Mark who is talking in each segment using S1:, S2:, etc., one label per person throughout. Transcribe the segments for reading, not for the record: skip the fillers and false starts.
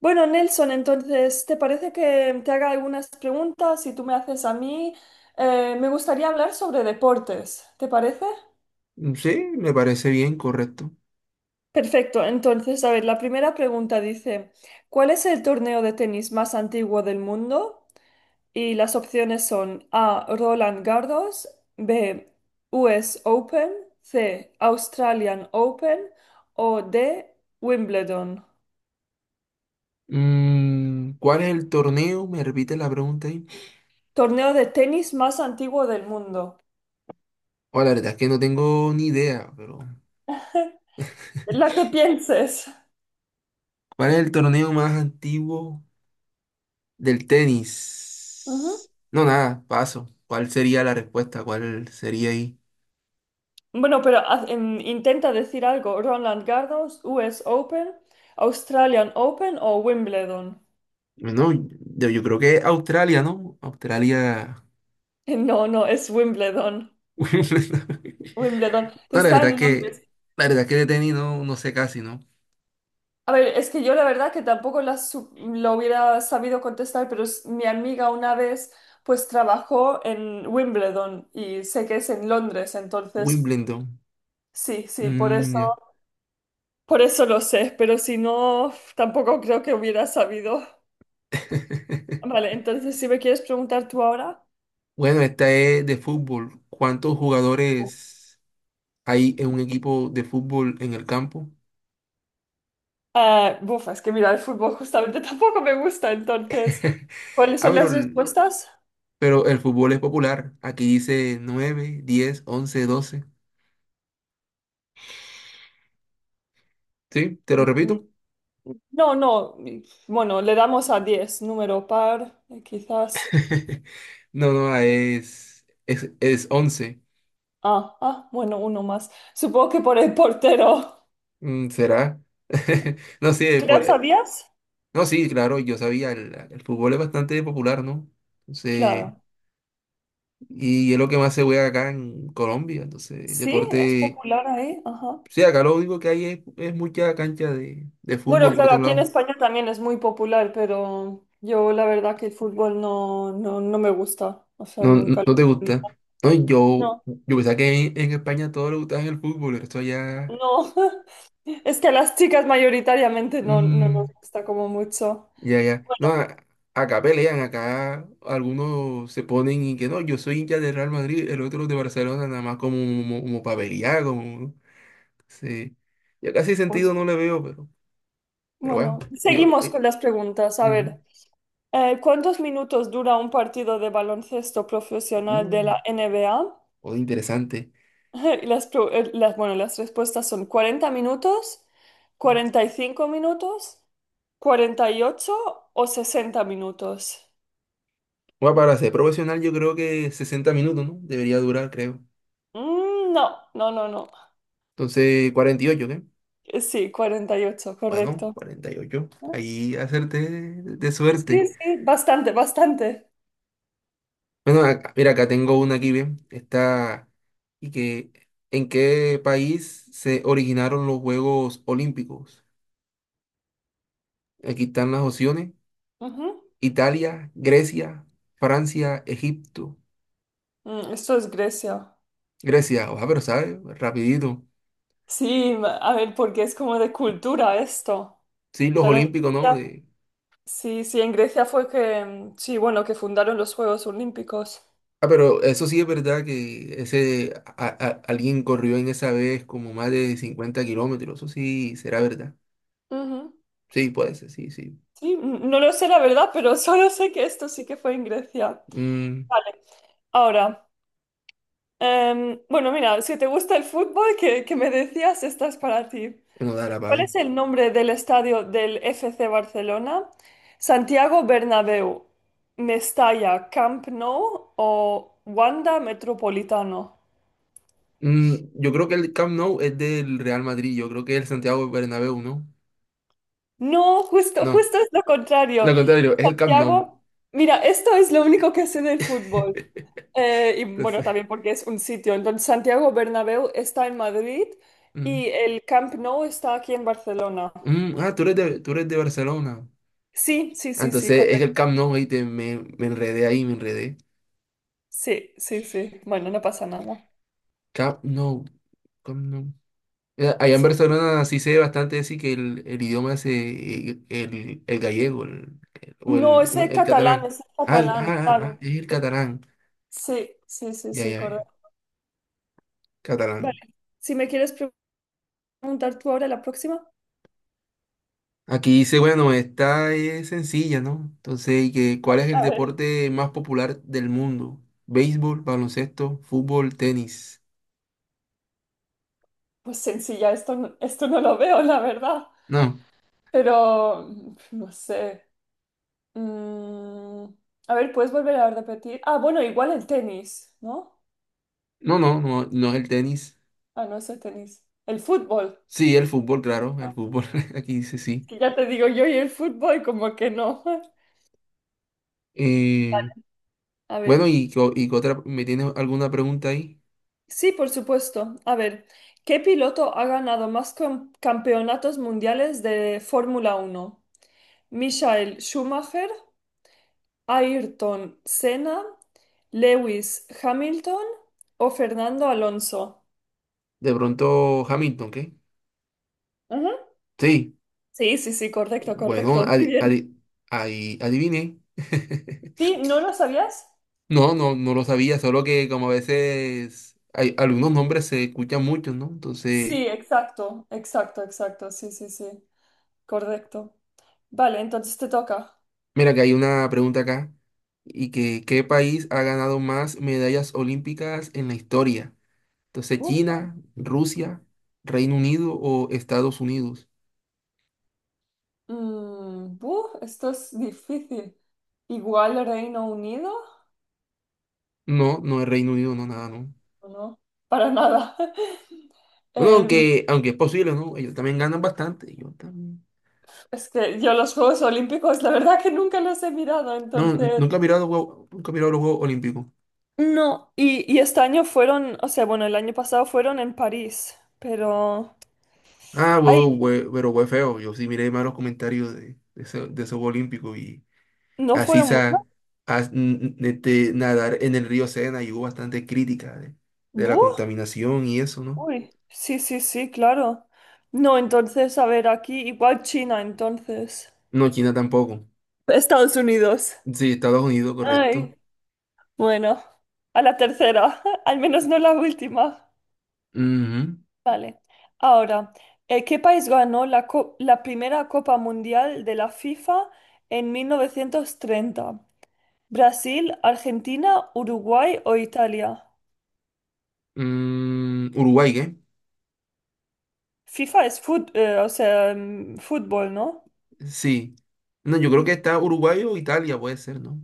S1: Bueno, Nelson, entonces, ¿te parece que te haga algunas preguntas y tú me haces a mí? Me gustaría hablar sobre deportes, ¿te parece?
S2: Mm, sí, me parece bien, correcto.
S1: Perfecto, entonces, a ver, la primera pregunta dice, ¿cuál es el torneo de tenis más antiguo del mundo? Y las opciones son A, Roland Garros, B, US Open, C, Australian Open o D, Wimbledon.
S2: ¿Cuál es el torneo? Me repite la pregunta ahí.
S1: Torneo de tenis más antiguo del mundo.
S2: Oh, la verdad es que no tengo ni idea, pero
S1: La que pienses.
S2: ¿cuál es el torneo más antiguo del
S1: Ujú.
S2: tenis? No, nada, paso. ¿Cuál sería la respuesta? ¿Cuál sería ahí?
S1: Bueno, pero intenta decir algo. Roland Garros, US Open, Australian Open o Wimbledon.
S2: No, yo creo que Australia, ¿no? Australia.
S1: No, no, es Wimbledon. Wimbledon, que
S2: No, la
S1: está
S2: verdad es
S1: en
S2: que
S1: Londres.
S2: la verdad es que de tenis no, no sé casi, ¿no?
S1: A ver, es que yo la verdad que tampoco lo hubiera sabido contestar, pero mi amiga una vez pues trabajó en Wimbledon y sé que es en Londres, entonces
S2: Wimbledon.
S1: sí, sí,
S2: Mm, ya.
S1: por eso lo sé, pero si no, tampoco creo que hubiera sabido. Vale, entonces si me quieres preguntar tú ahora,
S2: Bueno, esta es de fútbol. ¿Cuántos jugadores hay en un equipo de fútbol en el campo?
S1: ah, buf, es que mira, el fútbol justamente tampoco me gusta, entonces, ¿cuáles
S2: Ah,
S1: son
S2: pero
S1: las
S2: el,
S1: respuestas?
S2: pero el fútbol es popular. Aquí dice 9, 10, 11, 12. ¿Sí? ¿Te lo
S1: Mm,
S2: repito?
S1: no, no, bueno, le damos a 10 número par, quizás.
S2: No, no, ah, es 11.
S1: Ah, ah, bueno, uno más. Supongo que por el portero.
S2: ¿Será? No sé.
S1: ¿Tú ya sabías?
S2: No, sí, claro, yo sabía. El fútbol es bastante popular, ¿no? Entonces,
S1: Claro.
S2: y es lo que más se juega acá en Colombia, entonces, el
S1: Sí, es
S2: deporte.
S1: popular ahí, ajá.
S2: Sí, acá lo único que hay es mucha cancha de
S1: Bueno,
S2: fútbol por
S1: claro,
S2: otro
S1: aquí en
S2: lado.
S1: España también es muy popular, pero yo la verdad que el fútbol no me gusta, o sea,
S2: No, no,
S1: nunca lo
S2: no te
S1: he tenido.
S2: gusta. No, yo pensaba que en España todo le gustaba el fútbol, el resto ya.
S1: No, es que a las chicas mayoritariamente no, no nos
S2: Mm,
S1: gusta como mucho.
S2: ya, ya. No, acá pelean, acá algunos se ponen y que no, yo soy hincha de Real Madrid, el otro de Barcelona, nada más como pa' pelear, como. Sí. Ya casi sentido
S1: Pues,
S2: no le veo, pero, bueno,
S1: bueno,
S2: ellos.
S1: seguimos con las preguntas. A
S2: Ujú.
S1: ver, ¿cuántos minutos dura un partido de baloncesto profesional de la
S2: Uh,
S1: NBA?
S2: oh, interesante.
S1: Y bueno, las respuestas son 40 minutos, 45 minutos, 48 o 60 minutos.
S2: Bueno, para ser profesional yo creo que 60 minutos, ¿no? Debería durar, creo.
S1: Mm, no, no.
S2: Entonces, 48, ¿qué?
S1: Sí, 48,
S2: Bueno,
S1: correcto.
S2: 48, ahí hacerte de
S1: Sí,
S2: suerte.
S1: sí, bastante, bastante.
S2: Bueno, mira, acá tengo una aquí, ¿bien? Está... ¿Y que En qué país se originaron los Juegos Olímpicos? Aquí están las opciones.
S1: Ujú.
S2: Italia, Grecia, Francia, Egipto.
S1: Mm, esto es Grecia.
S2: Grecia, ojalá, pero ¿sabes? Rapidito.
S1: Sí, a ver, porque es como de cultura esto.
S2: Sí, los
S1: Claro, en
S2: Olímpicos, ¿no?
S1: Grecia- sí, sí, en Grecia fue que, mm, sí, bueno, que fundaron los Juegos Olímpicos.
S2: Ah, pero eso sí es verdad que ese alguien corrió en esa vez como más de 50 kilómetros. Eso sí será verdad.
S1: Ujú.
S2: Sí, puede ser, sí, sí.
S1: Sí, no lo sé la verdad, pero solo sé que esto sí que fue en Grecia.
S2: Mm,
S1: Vale, ahora, bueno, mira, si te gusta el fútbol, que me decías, esta es para ti.
S2: no da la
S1: ¿Cuál es
S2: pavé.
S1: el nombre del estadio del FC Barcelona? ¿Santiago Bernabéu, Mestalla, Camp Nou o Wanda Metropolitano?
S2: Yo creo que el Camp Nou es del Real Madrid. Yo creo que el Santiago Bernabéu, ¿no?
S1: No, justo,
S2: No,
S1: justo es lo contrario.
S2: lo contrario, es el Camp Nou.
S1: Santiago, mira, esto es lo único que sé del fútbol. Y bueno,
S2: Entonces,
S1: también porque es un sitio. Entonces, Santiago Bernabéu está en Madrid
S2: mm,
S1: y el Camp Nou está aquí en Barcelona.
S2: ah, tú eres de Barcelona.
S1: Sí, sí,
S2: Ah,
S1: sí, sí,
S2: entonces es el
S1: correcto.
S2: Camp Nou, ahí me enredé ahí, me enredé.
S1: Sí, sí, sí. Bueno, no pasa nada.
S2: Camp Nou, Camp Nou. Allá en
S1: Sí.
S2: Barcelona sí se ve bastante así que el idioma es el gallego, o
S1: No,
S2: el, ¿cómo es? El catalán.
S1: ese es
S2: Ah,
S1: catalán, claro.
S2: es el catalán.
S1: Sí, sí, sí,
S2: Ya,
S1: sí,
S2: ya, ya.
S1: correcto. Vale,
S2: Catalán.
S1: si me quieres preguntar tú ahora la próxima.
S2: Aquí dice, bueno, esta es sencilla, ¿no? Entonces, cuál es el
S1: A ver,
S2: deporte más popular del mundo? Béisbol, baloncesto, fútbol, tenis.
S1: pues sencilla, esto, esto no lo veo, la verdad.
S2: No,
S1: Pero, mm, no sé. Mm, a ver, ¿puedes volver a repetir? Ah, bueno, igual el tenis, ¿no?
S2: no, no, no, no es el tenis.
S1: Ah, no es el tenis. El fútbol.
S2: Sí, el fútbol, claro,
S1: Ah,
S2: el fútbol. Aquí dice
S1: es
S2: sí.
S1: que ya te digo yo y el fútbol como que no.
S2: Eh,
S1: A
S2: bueno,
S1: ver.
S2: y qué otra? ¿Me tienes alguna pregunta ahí?
S1: Sí, por supuesto. A ver, ¿qué piloto ha ganado más campeonatos mundiales de Fórmula Uno? ¿Michael Schumacher, Ayrton Senna, Lewis Hamilton o Fernando Alonso?
S2: De pronto Hamilton, ¿qué?
S1: Ujú.
S2: Sí.
S1: Sí, sí, sí, correcto,
S2: Bueno,
S1: correcto. Muy bien.
S2: ahí adiviné.
S1: ¿Sí? ¿No lo sabías?
S2: No, no, no lo sabía, solo que como a veces hay algunos nombres se escuchan muchos, ¿no? Entonces,
S1: Sí, exacto, exacto, exacto. Sí, sí, sí. Correcto. Vale, entonces te toca.
S2: mira que hay una pregunta acá, y que ¿qué país ha ganado más medallas olímpicas en la historia? Entonces,
S1: Bu.
S2: China, Rusia, Reino Unido o Estados Unidos.
S1: Mm, buf, esto es difícil. Igual Reino Unido,
S2: No, no es Reino Unido, no, nada, no.
S1: ¿o no? Para nada.
S2: Bueno,
S1: Em,
S2: aunque es posible, ¿no? Ellos también ganan bastante. Yo también.
S1: es que yo los Juegos Olímpicos, la verdad que nunca los he mirado,
S2: No,
S1: entonces...
S2: nunca he mirado los Juegos Olímpicos.
S1: No, y este año fueron, o sea, bueno, el año pasado fueron en París, pero...
S2: Ah,
S1: Ay,
S2: pero fue feo. Yo sí miré malos comentarios de ese Juego Olímpico y
S1: ¿no
S2: así
S1: fueron buenos?
S2: sa, as- n- n- este, nadar en el río Sena y hubo bastante crítica de la
S1: Buf,
S2: contaminación y eso, ¿no?
S1: uy, sí, sí, sí, claro. No, entonces, a ver, aquí igual China, entonces.
S2: No, China tampoco.
S1: Estados Unidos.
S2: Sí, Estados Unidos, correcto.
S1: Ay. Bueno, a la tercera, al menos no la última.
S2: Ujú.
S1: Vale. Ahora, ¿qué país ganó la primera Copa Mundial de la FIFA en 1930? ¿Brasil, Argentina, Uruguay o Italia?
S2: Uruguay, ¿qué?
S1: FIFA es o sea, mm, fútbol, ¿no?
S2: Sí. No, yo creo que
S1: Ujú.
S2: está Uruguay o Italia, puede ser, ¿no?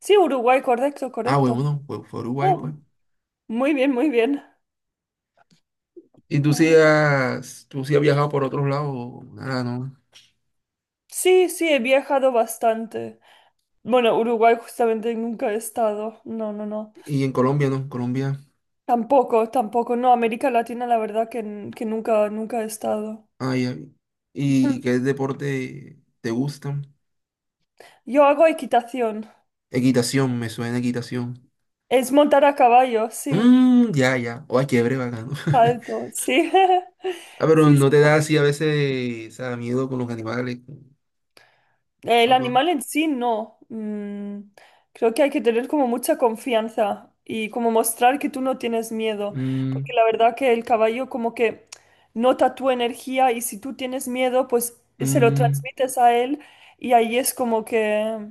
S1: Sí, Uruguay, correcto,
S2: Ah, huevo,
S1: correcto.
S2: no, fue Uruguay, pues.
S1: Oh, muy bien, muy bien.
S2: ¿Y tú sí
S1: A ver.
S2: has, tú sí has viajado por otros lados, o nada, ¿no?
S1: Sí, sí, he viajado bastante. Bueno, Uruguay justamente nunca he estado. No, no, no.
S2: Y en Colombia, ¿no? Colombia.
S1: Tampoco, tampoco. No, América Latina la verdad que, que nunca, nunca he estado.
S2: Ah, ya. ¿Y qué deporte te gusta?
S1: Yo hago equitación.
S2: Equitación, me suena equitación.
S1: Es montar a caballo, sí.
S2: Mm, ya, ya. Oh, chévere, bacano.
S1: Salto, sí.
S2: Ah, pero
S1: Sí,
S2: no te da así a veces, o sea, miedo con los animales, con
S1: el
S2: algo.
S1: animal en sí no. Mm, creo que hay que tener como mucha confianza y como mostrar que tú no tienes miedo,
S2: Mm,
S1: porque la verdad que el caballo como que nota tu energía y si tú tienes miedo, pues se lo
S2: mm,
S1: transmites a él y ahí es como que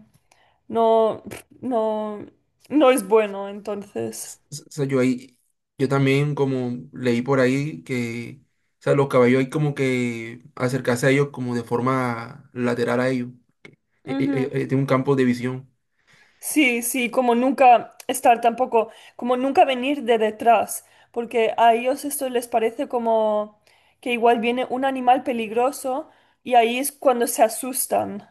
S1: no, no, no es bueno, entonces.
S2: o sea, yo también como leí por ahí que, o sea, los caballos hay como que acercarse a ellos como de forma lateral a ellos.
S1: Ujú.
S2: Tiene un campo de visión.
S1: Sí, sí, como nunca estar tampoco, como nunca venir de detrás, porque a ellos esto les parece como que igual viene un animal peligroso y ahí es cuando se asustan.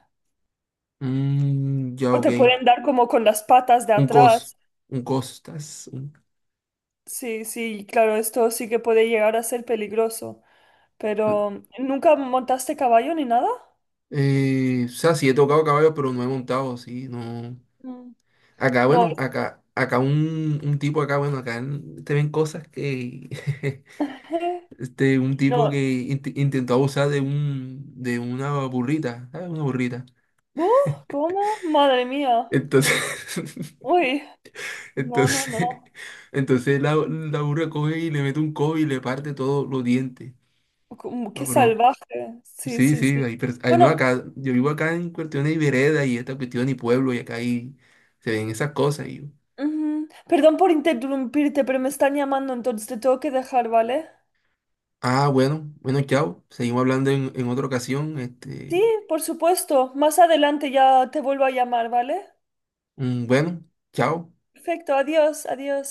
S2: Mm, ya,
S1: O
S2: ok.
S1: te pueden dar como con las patas de
S2: Un cos.
S1: atrás.
S2: Un cos. Estás.
S1: Sí, sí, claro, esto sí que puede llegar a ser peligroso,
S2: Un-
S1: pero ¿nunca montaste caballo ni nada?
S2: O sea, sí he tocado caballo, pero no he montado, sí, no.
S1: Mm.
S2: Acá,
S1: No,
S2: bueno, acá un tipo acá, bueno, te ven cosas que. Este, un tipo
S1: no.
S2: que intentó abusar de una burrita, ¿sabes? Una burrita.
S1: Uh, ¿Cómo? Madre mía.
S2: Entonces,
S1: Uy, no, no,
S2: entonces,
S1: no.
S2: entonces la burra coge y le mete un codo y le parte todos los dientes.
S1: Como,
S2: No,
S1: qué
S2: pero
S1: salvaje. Sí,
S2: sí,
S1: sí,
S2: sí,
S1: sí.
S2: hay no,
S1: Bueno,
S2: acá, yo vivo acá en cuestión de vereda y esta cuestión y pueblo y acá ahí se ven esas cosas. Y yo,
S1: ujú, perdón por interrumpirte, pero me están llamando, entonces te tengo que dejar, ¿vale?
S2: ah, bueno, bueno, chao. Seguimos hablando en otra ocasión. Este,
S1: Sí, por supuesto. Más adelante ya te vuelvo a llamar, ¿vale?
S2: bueno, chao.
S1: Perfecto, adiós, adiós.